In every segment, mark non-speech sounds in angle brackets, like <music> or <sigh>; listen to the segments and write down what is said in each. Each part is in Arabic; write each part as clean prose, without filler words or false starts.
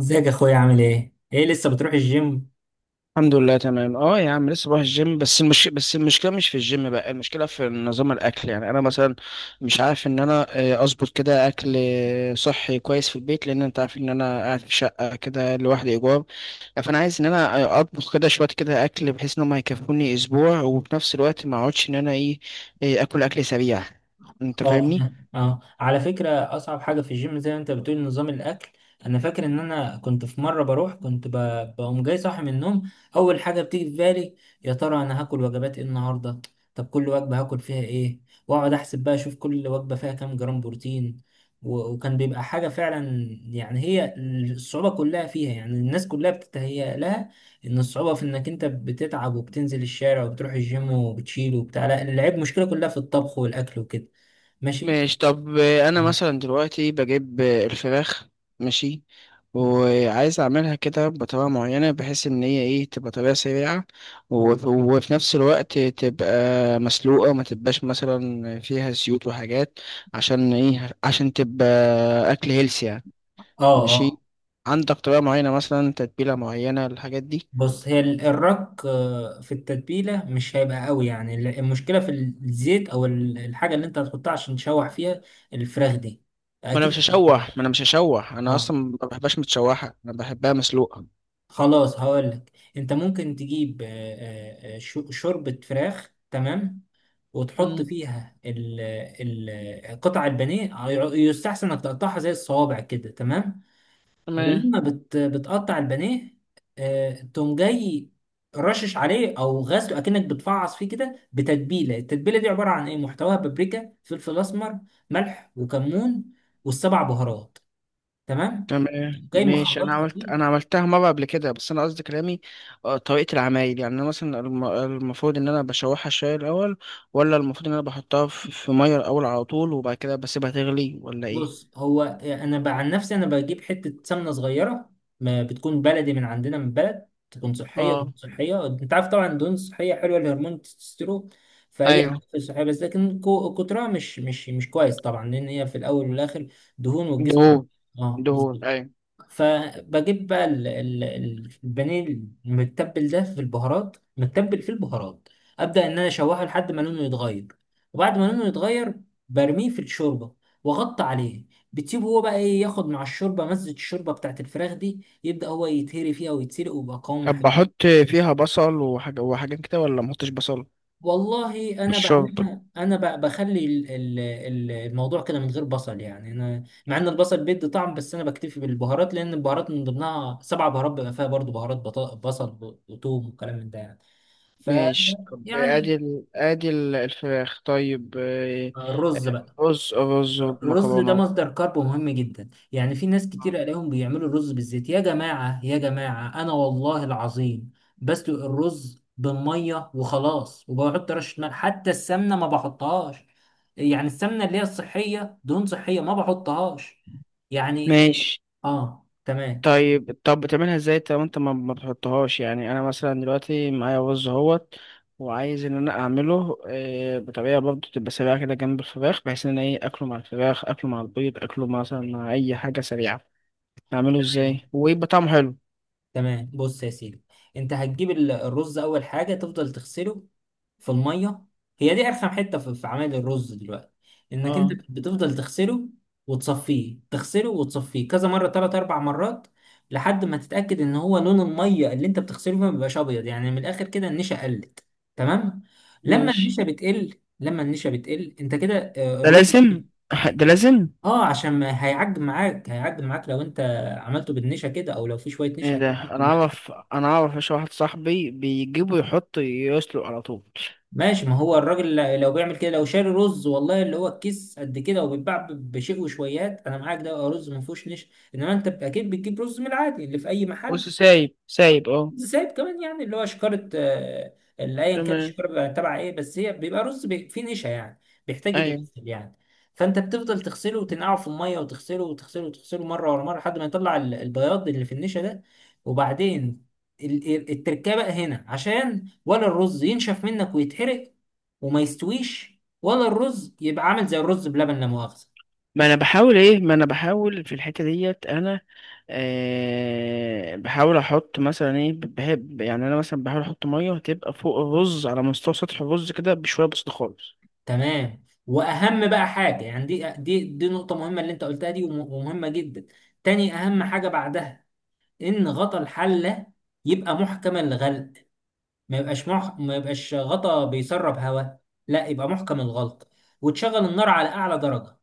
ازيك يا اخويا؟ عامل ايه؟ ايه لسه بتروح الجيم؟ الحمد لله تمام يا عم لسه بروح الجيم بس المشكله مش في الجيم بقى، المشكله في نظام الاكل. يعني انا مثلا مش عارف ان انا اظبط كده اكل صحي كويس في البيت، لان انت عارف ان انا قاعد في شقه كده لوحدي ايجار. فانا عايز ان انا اطبخ كده شويه كده اكل بحيث ان هم هيكفوني اسبوع، وفي نفس الوقت ما اقعدش ان انا ايه اكل سريع. انت اه فاهمني؟ فاهم. اه على فكرة، أصعب حاجة في الجيم زي ما أنت بتقول نظام الأكل. أنا فاكر إن أنا كنت في مرة بروح، كنت بقوم جاي صاحي من النوم، أول حاجة بتيجي في بالي يا ترى أنا هاكل وجبات إيه النهاردة؟ طب كل وجبة هاكل فيها إيه؟ وأقعد أحسب بقى أشوف كل وجبة فيها كام جرام بروتين. و- وكان بيبقى حاجة فعلا، يعني هي الصعوبة كلها فيها، يعني الناس كلها بتتهيأ لها إن الصعوبة في إنك أنت بتتعب وبتنزل الشارع وبتروح الجيم وبتشيل وبتاع. لا، العيب مشكلة كلها في الطبخ والأكل وكده. ماشي. ماشي. طب انا مم. مثلا دلوقتي بجيب الفراخ، ماشي، وعايز اعملها كده بطريقه معينه بحيث ان هي ايه، تبقى طريقه سريعه، وفي نفس الوقت تبقى مسلوقه، ما تبقاش مثلا فيها زيوت وحاجات، عشان ايه، عشان تبقى اكل هيلثي يعني. اه ماشي. اه. عندك طريقه معينه مثلا، تتبيله معينه الحاجات دي؟ بص، هي الرك آه، في التتبيله مش هيبقى قوي، يعني المشكله في الزيت او الحاجه اللي انت هتحطها عشان تشوح فيها الفراخ دي، ما انا مش اكيد. هشوح ما انا مش هشوح انا اه اصلا ما بحبهاش متشوحه، انا بحبها مسلوقه. خلاص هقولك، انت ممكن تجيب شوربه فراخ، تمام، وتحط امم. فيها ال قطع البانيه. يستحسن انك تقطعها زي الصوابع كده، تمام. تمام. ولما بتقطع البانيه، تقوم جاي رشش عليه او غسله اكنك بتفعص فيه كده، بتتبيله. التتبيله دي عباره عن ايه؟ محتواها بابريكا، فلفل اسمر، ملح وكمون، والسبع بهارات. تمام، تمام جاي ماشي. مخلطها فيه. انا عملتها مره قبل كده، بس انا قصدي كلامي طريقه العمايل. يعني انا مثلا المفروض ان انا بشوحها شويه الاول، ولا المفروض ان انا بحطها في ميه الاول على طول وبعد كده بسيبها تغلي، ولا ايه؟ بص، هو انا بقى عن نفسي انا بجيب حته سمنه صغيره، ما بتكون بلدي من عندنا من بلد، تكون صحيه، دهون اه. صحيه. انت عارف طبعا الدهون الصحيه حلوه لهرمون التستوستيرون، فهي ايوه. حاجة صحيه، بس لكن كترها مش كويس طبعا، لان هي في الاول والاخر دهون والجسم. دهون. اه دهون، بالظبط. ايوه. فبجيب بقى البانيه المتبل ده في البهارات، متبل في البهارات، ابدا ان انا اشوحه لحد ما لونه يتغير. وبعد ما لونه يتغير، برميه في الشوربه واغطي عليه. بتسيبه هو بقى ايه، ياخد مع الشوربه مزه الشوربه بتاعت الفراخ دي، يبدا هو يتهري فيها ويتسلق ويبقى قوامه. طب بحط فيها بصل وحاجه وحاجات كده، ولا ما احطش بصل؟ والله في انا الشرب. بعملها، انا بخلي الموضوع كده من غير بصل. يعني انا مع ان البصل بيدي طعم، بس انا بكتفي بالبهارات، لان البهارات من ضمنها سبع بهارات بيبقى فيها برضو بهارات بصل وثوم وكلام من ده يعني. ف ماشي. طب يعني ادي الفراخ طيب الرز بقى. رز رز الرز ده ومكرونه. مصدر كارب مهم جدا. يعني في ناس كتير الاقيهم بيعملوا الرز بالزيت. يا جماعة يا جماعة، انا والله العظيم بسلق الرز بالمية وخلاص، وبحط رشة ملح، حتى السمنة ما بحطهاش. يعني السمنة اللي هي الصحية، دهون صحية، ما بحطهاش يعني. ماشي. اه تمام. طيب طب بتعملها ازاي انت وانت ما بتحطهاش؟ يعني انا مثلا دلوقتي معايا رز اهوت، وعايز ان انا اعمله بطريقه برضه تبقى سريعه كده جنب الفراخ، بحيث ان انا ايه، اكله مع الفراخ، اكله مع البيض، اكله مثلا مع اي حاجه سريعه. اعمله تمام ازاي ويبقى طعمه حلو؟ تمام، بص يا سيدي، انت هتجيب الرز، اول حاجه تفضل تغسله في الميه. هي دي ارخم حته في في عمل الرز دلوقتي، انك انت اه بتفضل تغسله وتصفيه، تغسله وتصفيه كذا مره، ثلاث اربع مرات، لحد ما تتاكد ان هو لون الميه اللي انت بتغسله فيها ما بيبقاش ابيض، يعني من الاخر كده النشا قلت. تمام. لما ماشي. النشا بتقل، لما النشا بتقل انت كده ده الرز. لازم. <laughs> ده لازم. اه عشان ما هيعجن معاك، هيعجن معاك لو انت عملته بالنشا كده، او لو في شويه ايه نشا ده؟ انا هتعجن. اعرف، انا اعرف، ايش واحد صاحبي بيجيبه يحط يسلق على طول. ماشي، ما هو الراجل لو بيعمل كده، لو شاري رز والله اللي هو الكيس قد كده وبيتباع بشيء وشويات، انا معاك ده رز ما فيهوش نشا. انما انت اكيد بتجيب رز من العادي اللي في اي محل، بص، سايب اه. زائد كمان يعني اللي هو شكارة، اللي ايا كان تمام. الشكارة بيبقى تبع ايه، بس هي بيبقى رز فيه نشا يعني، بيحتاج ايوه. يتغسل يعني. فانت بتفضل تغسله وتنقعه في الميه، وتغسله وتغسله وتغسله مره ورا مره لحد ما يطلع البياض اللي في النشا ده. وبعدين التركيبه بقى هنا، عشان ولا الرز ينشف منك ويتحرق وما يستويش، ولا الرز يبقى عامل زي الرز بلبن لا مؤاخذه. ماشي. ما انا بحاول في الحته ديت انا. أه بحاول احط مثلا ايه، بحب يعني انا مثلا بحاول احط ميه تبقى فوق الرز على مستوى سطح الرز كده بشويه بسيطه خالص. تمام، واهم بقى حاجه، يعني دي نقطه مهمه اللي انت قلتها دي، وم- ومهمه جدا. تاني اهم حاجه بعدها، ان غطا الحله يبقى محكم الغلق، ما يبقاش ما يبقاش غطا بيسرب هواء، لا، يبقى محكم الغلق. وتشغل النار على اعلى درجه.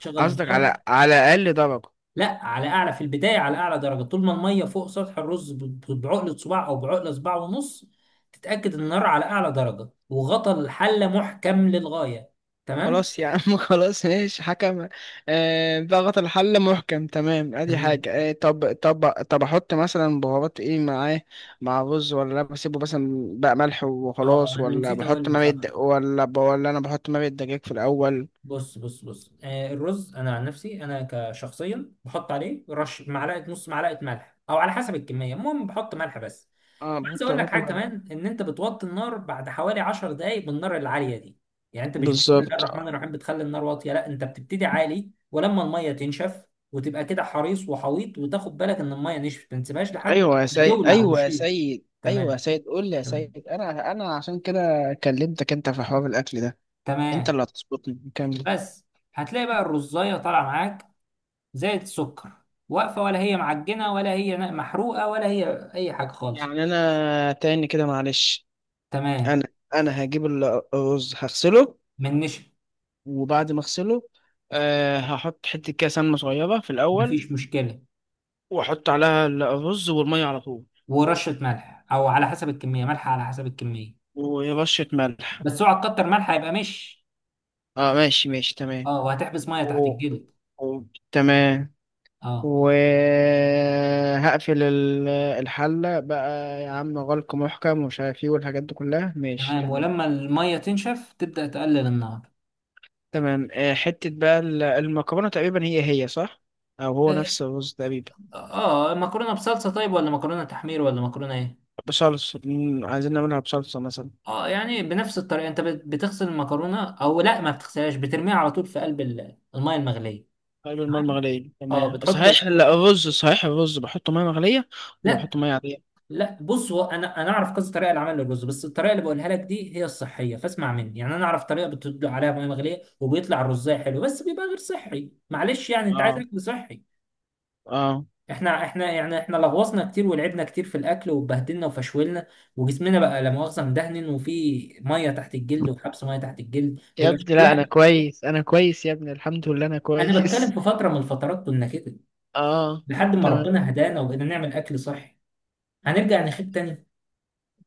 تشغل قصدك النار، على اقل درجه؟ لا على اعلى. في البدايه على اعلى درجه طول ما الميه فوق سطح الرز بعقله صباع او بعقله صباع ونص. تتاكد ان النار على اعلى درجه وغطا الحله محكم للغايه. تمام. خلاص يا عم. <laughs> خلاص ماشي حكم. آه، ضغط الحل محكم تمام، ادي تمام، حاجه. آه طب، طب احط مثلا بهارات ايه معاه، مع رز؟ ولا بسيبه مثلا بقى ملح اه وخلاص؟ انا ولا نسيت اقول بحط لك، مرقه صح. د- ولا ب... ولا انا بحط مرقه دجاج في الاول؟ بص بص بص، آه، الرز انا عن نفسي انا كشخصيا بحط عليه رش معلقه، نص معلقه ملح او على حسب الكميه، المهم بحط ملح بس. اه. عايز اقول لك بحط حاجه كمان، ان انت بتوطي النار بعد حوالي 10 دقائق بالنار العاليه دي. يعني انت مش بسم الله بالظبط الرحمن آه. الرحيم بتخلي النار واطيه، لا، انت بتبتدي عالي ولما الميه تنشف وتبقى كده حريص وحويط وتاخد بالك ان الميه نشفت، ما تسيبهاش لحد ايوه يا ما سيد، تولع ايوه يا وشيط. سيد، ايوه يا تمام سيد، قول لي يا تمام سيد. انا عشان كده كلمتك انت في حوار الاكل ده. انت تمام. اللي هتظبطني، كمل. بس هتلاقي بقى الرزايه طالعه معاك زي السكر، واقفة ولا هي معجنة ولا هي محروقة ولا هي أي حاجة خالص. يعني انا تاني كده معلش. تمام. انا انا هجيب الرز، هغسله، من نشا. وبعد ما اغسله أه هحط حته كده سمنه صغيره في الاول، مفيش مشكلة. واحط عليها الرز والميه على طول ورشة ملح أو على حسب الكمية، ملح على حسب الكمية، ورشه ملح. بس اوعى تكتر ملح هيبقى مش. اه ماشي، ماشي تمام. اه وهتحبس مية تحت و... الجلد. و... تمام. اه وهقفل الحلة بقى يا عم، غلق محكم ومش عارف ايه والحاجات دي كلها، ماشي، تمام. تمام. ولما المية تنشف تبدأ تقلل النار. تمام. آه، حتة بقى المكرونة، تقريبا هي صح؟ أو هو نفس الرز تقريبا. اه، مكرونة بصلصة طيب ولا مكرونة تحمير ولا مكرونة ايه؟ بصلصة، مم، عايزين نعملها بصلصة مثلا. اه، يعني بنفس الطريقة انت بتغسل المكرونة او لا، ما بتغسلهاش، بترميها على طول في قلب المية المغلية. قلب الماء المغلية، اه تمام بتحط صحيح. شويه. لا الرز صحيح الرز بحطه مية مغلية، ولا لا بحطه مية عادية؟ لا، بص هو انا انا اعرف كذا طريقه لعمل الرز، بس الطريقه اللي بقولها لك دي هي الصحيه، فاسمع مني. يعني انا اعرف طريقه بتدلق عليها ميه مغليه وبيطلع الرزايه حلو، بس بيبقى غير صحي معلش، يعني انت عايز اه. اكل صحي. اه. احنا احنا، يعني احنا لغوصنا كتير ولعبنا كتير في الاكل واتبهدلنا وفشولنا، وجسمنا بقى لا مؤاخذه مدهن، وفي ميه تحت الجلد، وحبس ميه تحت الجلد يا بيبقى ابني لا، أنا شكلها. كويس، أنا كويس يا ابني، الحمد لله أنا انا بتكلم كويس. في فتره من الفترات كنا كده، <laughs> اه. لحد ما تمام. ربنا هدانا وبقينا نعمل اكل صحي. هنرجع نخيب تاني؟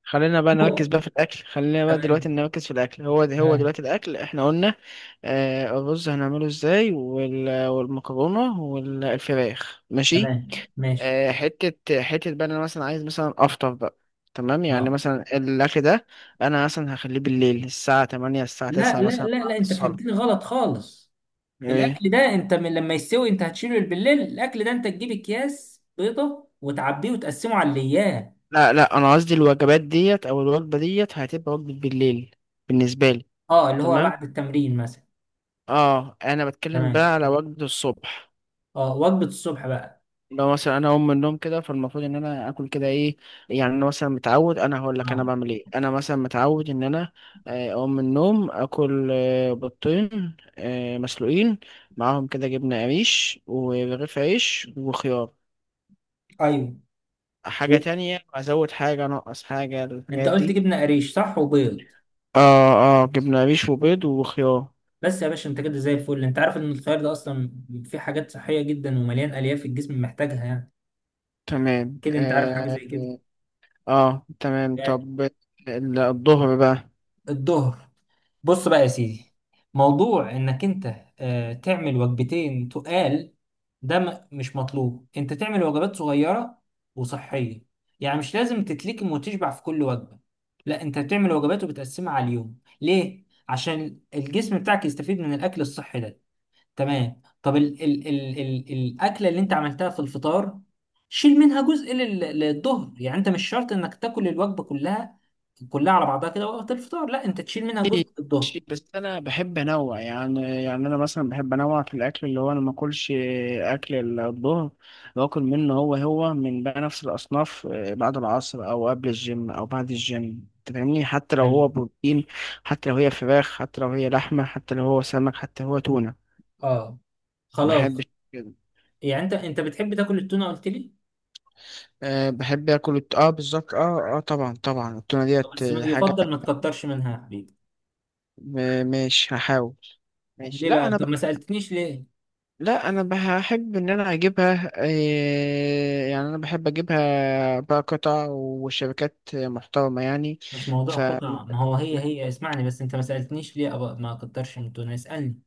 خلينا بقى نركز بقى في الاكل، خلينا بقى تمام دلوقتي نركز في الاكل هو ده. هو تمام. دلوقتي الاكل احنا قلنا آه الرز هنعمله ازاي، والمكرونه والفراخ، ماشي. تمام ماشي. آه، حته حته بقى، انا مثلا عايز مثلا افطر بقى. تمام. يعني اه، مثلا الاكل ده، انا مثلا هخليه بالليل الساعه الثامنة، الساعه لا التاسعة لا مثلا لا بعد لا، انت الصلاه. فهمتني غلط خالص. ايه؟ الاكل ده انت من لما يستوي انت هتشيله بالليل، الاكل ده انت تجيب اكياس بيضه وتعبيه وتقسمه على الايام. لا لا، انا قصدي الوجبات ديت او الوجبه ديت هتبقى وجبه بالليل بالنسبه لي. اه، اللي هو تمام. بعد التمرين مثلا. اه، انا بتكلم بقى تمام. على وجبه الصبح. اه وجبه الصبح بقى. لو مثلا انا اقوم من النوم كده، فالمفروض ان انا اكل كده ايه؟ يعني انا مثلا متعود، انا هقول لك انا اه بعمل ايه. انا مثلا متعود ان انا اقوم من النوم اكل بيضتين مسلوقين، معاهم كده جبنه قريش ورغيف عيش وخيار. ايوه. حاجه و- تانية ازود، حاجه انقص، حاجه انت الحاجات قلت دي؟ جبنه قريش صح وبيض؟ اه. اه، جبنه قريش وبيض وخيار. بس يا باشا انت كده زي الفل. انت عارف ان الخيار ده اصلا فيه حاجات صحيه جدا ومليان الياف الجسم محتاجها، يعني تمام كده انت عارف حاجه اه. زي كده. آه تمام. طب الظهر بقى؟ الظهر. بص بقى يا سيدي، موضوع انك انت تعمل وجبتين تقال، ده مش مطلوب، انت تعمل وجبات صغيرة وصحية. يعني مش لازم تتلكم وتشبع في كل وجبة، لا، انت بتعمل وجبات وبتقسمها على اليوم. ليه؟ عشان الجسم بتاعك يستفيد من الاكل الصحي ده. تمام، طب ال ال ال ال الاكلة اللي انت عملتها في الفطار، شيل منها جزء للظهر. يعني انت مش شرط انك تاكل الوجبة كلها، كلها على بعضها كده وقت الفطار، لا، انت تشيل منها جزء الظهر. ماشي، بس انا بحب انوع، يعني يعني انا مثلا بحب انوع في الاكل، اللي هو انا ما اكلش اكل الظهر باكل منه. هو من بقى نفس الاصناف بعد العصر او قبل الجيم او بعد الجيم. أنت فاهمني؟ حتى لو حلو. هو بروتين، حتى لو هي فراخ، حتى لو هي لحمه، حتى لو هو سمك، حتى لو هو تونه، اه ما بحبش خلاص. كده. يعني انت انت بتحب تاكل التونه قلت لي؟ أه بحب اكل اه بالظبط اه. اه طبعا طبعا، التونه طب ديت بس حاجه. يفضل ما تكترش منها يا حبيبي. ماشي هحاول. ماشي. ليه بقى؟ طب ما سالتنيش ليه. لا انا بحب ان انا اجيبها إيه، يعني انا بحب اجيبها بقى قطع وشبكات محترمه يعني. مش موضوع ف قطع، ما هو هي هي اسمعني بس، انت ما سالتنيش ليه أبقى ما اكترش من التونه؟ اسالني.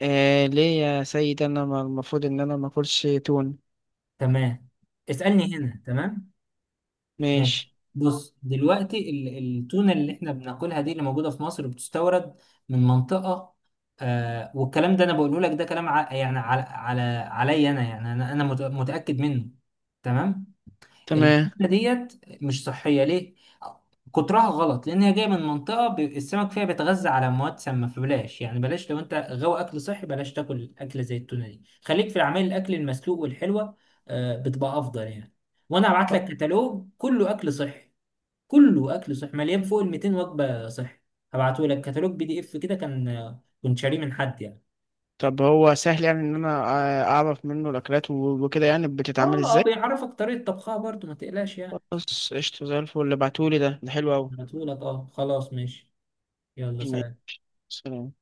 إيه، ليه يا سيد؟ انا المفروض ان انا ما اكلش تون؟ تمام. اسالني هنا، تمام. ماشي. ماشي. بص دلوقتي التونه اللي احنا بناكلها دي، اللي موجوده في مصر، بتستورد من منطقه، آه، والكلام ده انا بقوله لك، ده كلام يعني على على عليا انا، يعني انا انا متاكد منه. تمام. تمام. الفكرة ديت مش صحية. ليه؟ كترها غلط، لأن هي جاية من منطقة السمك فيها بيتغذى على مواد سامة، فبلاش، يعني بلاش، لو أنت غاوي أكل صحي بلاش تاكل أكلة زي التونة دي. خليك في العمال الأكل المسلوق والحلوة، بتبقى أفضل يعني. وأنا هبعت لك كتالوج كله أكل صحي، كله أكل صحي، مليان فوق ال 200 وجبة صحي. هبعته لك كتالوج بي دي إف كده، كان كنت شاريه من حد يعني. طب هو سهل يعني ان انا اعرف منه الاكلات وكده يعني بتتعمل آه آه، ازاي؟ بيعرفك طريقة طبخها برضو، ما تقلقش يعني. خلاص قشطه زي الفل. اللي بعتولي ده، ده حلو قوي. هبعته لك، آه خلاص ماشي. يلا سلام. سلام.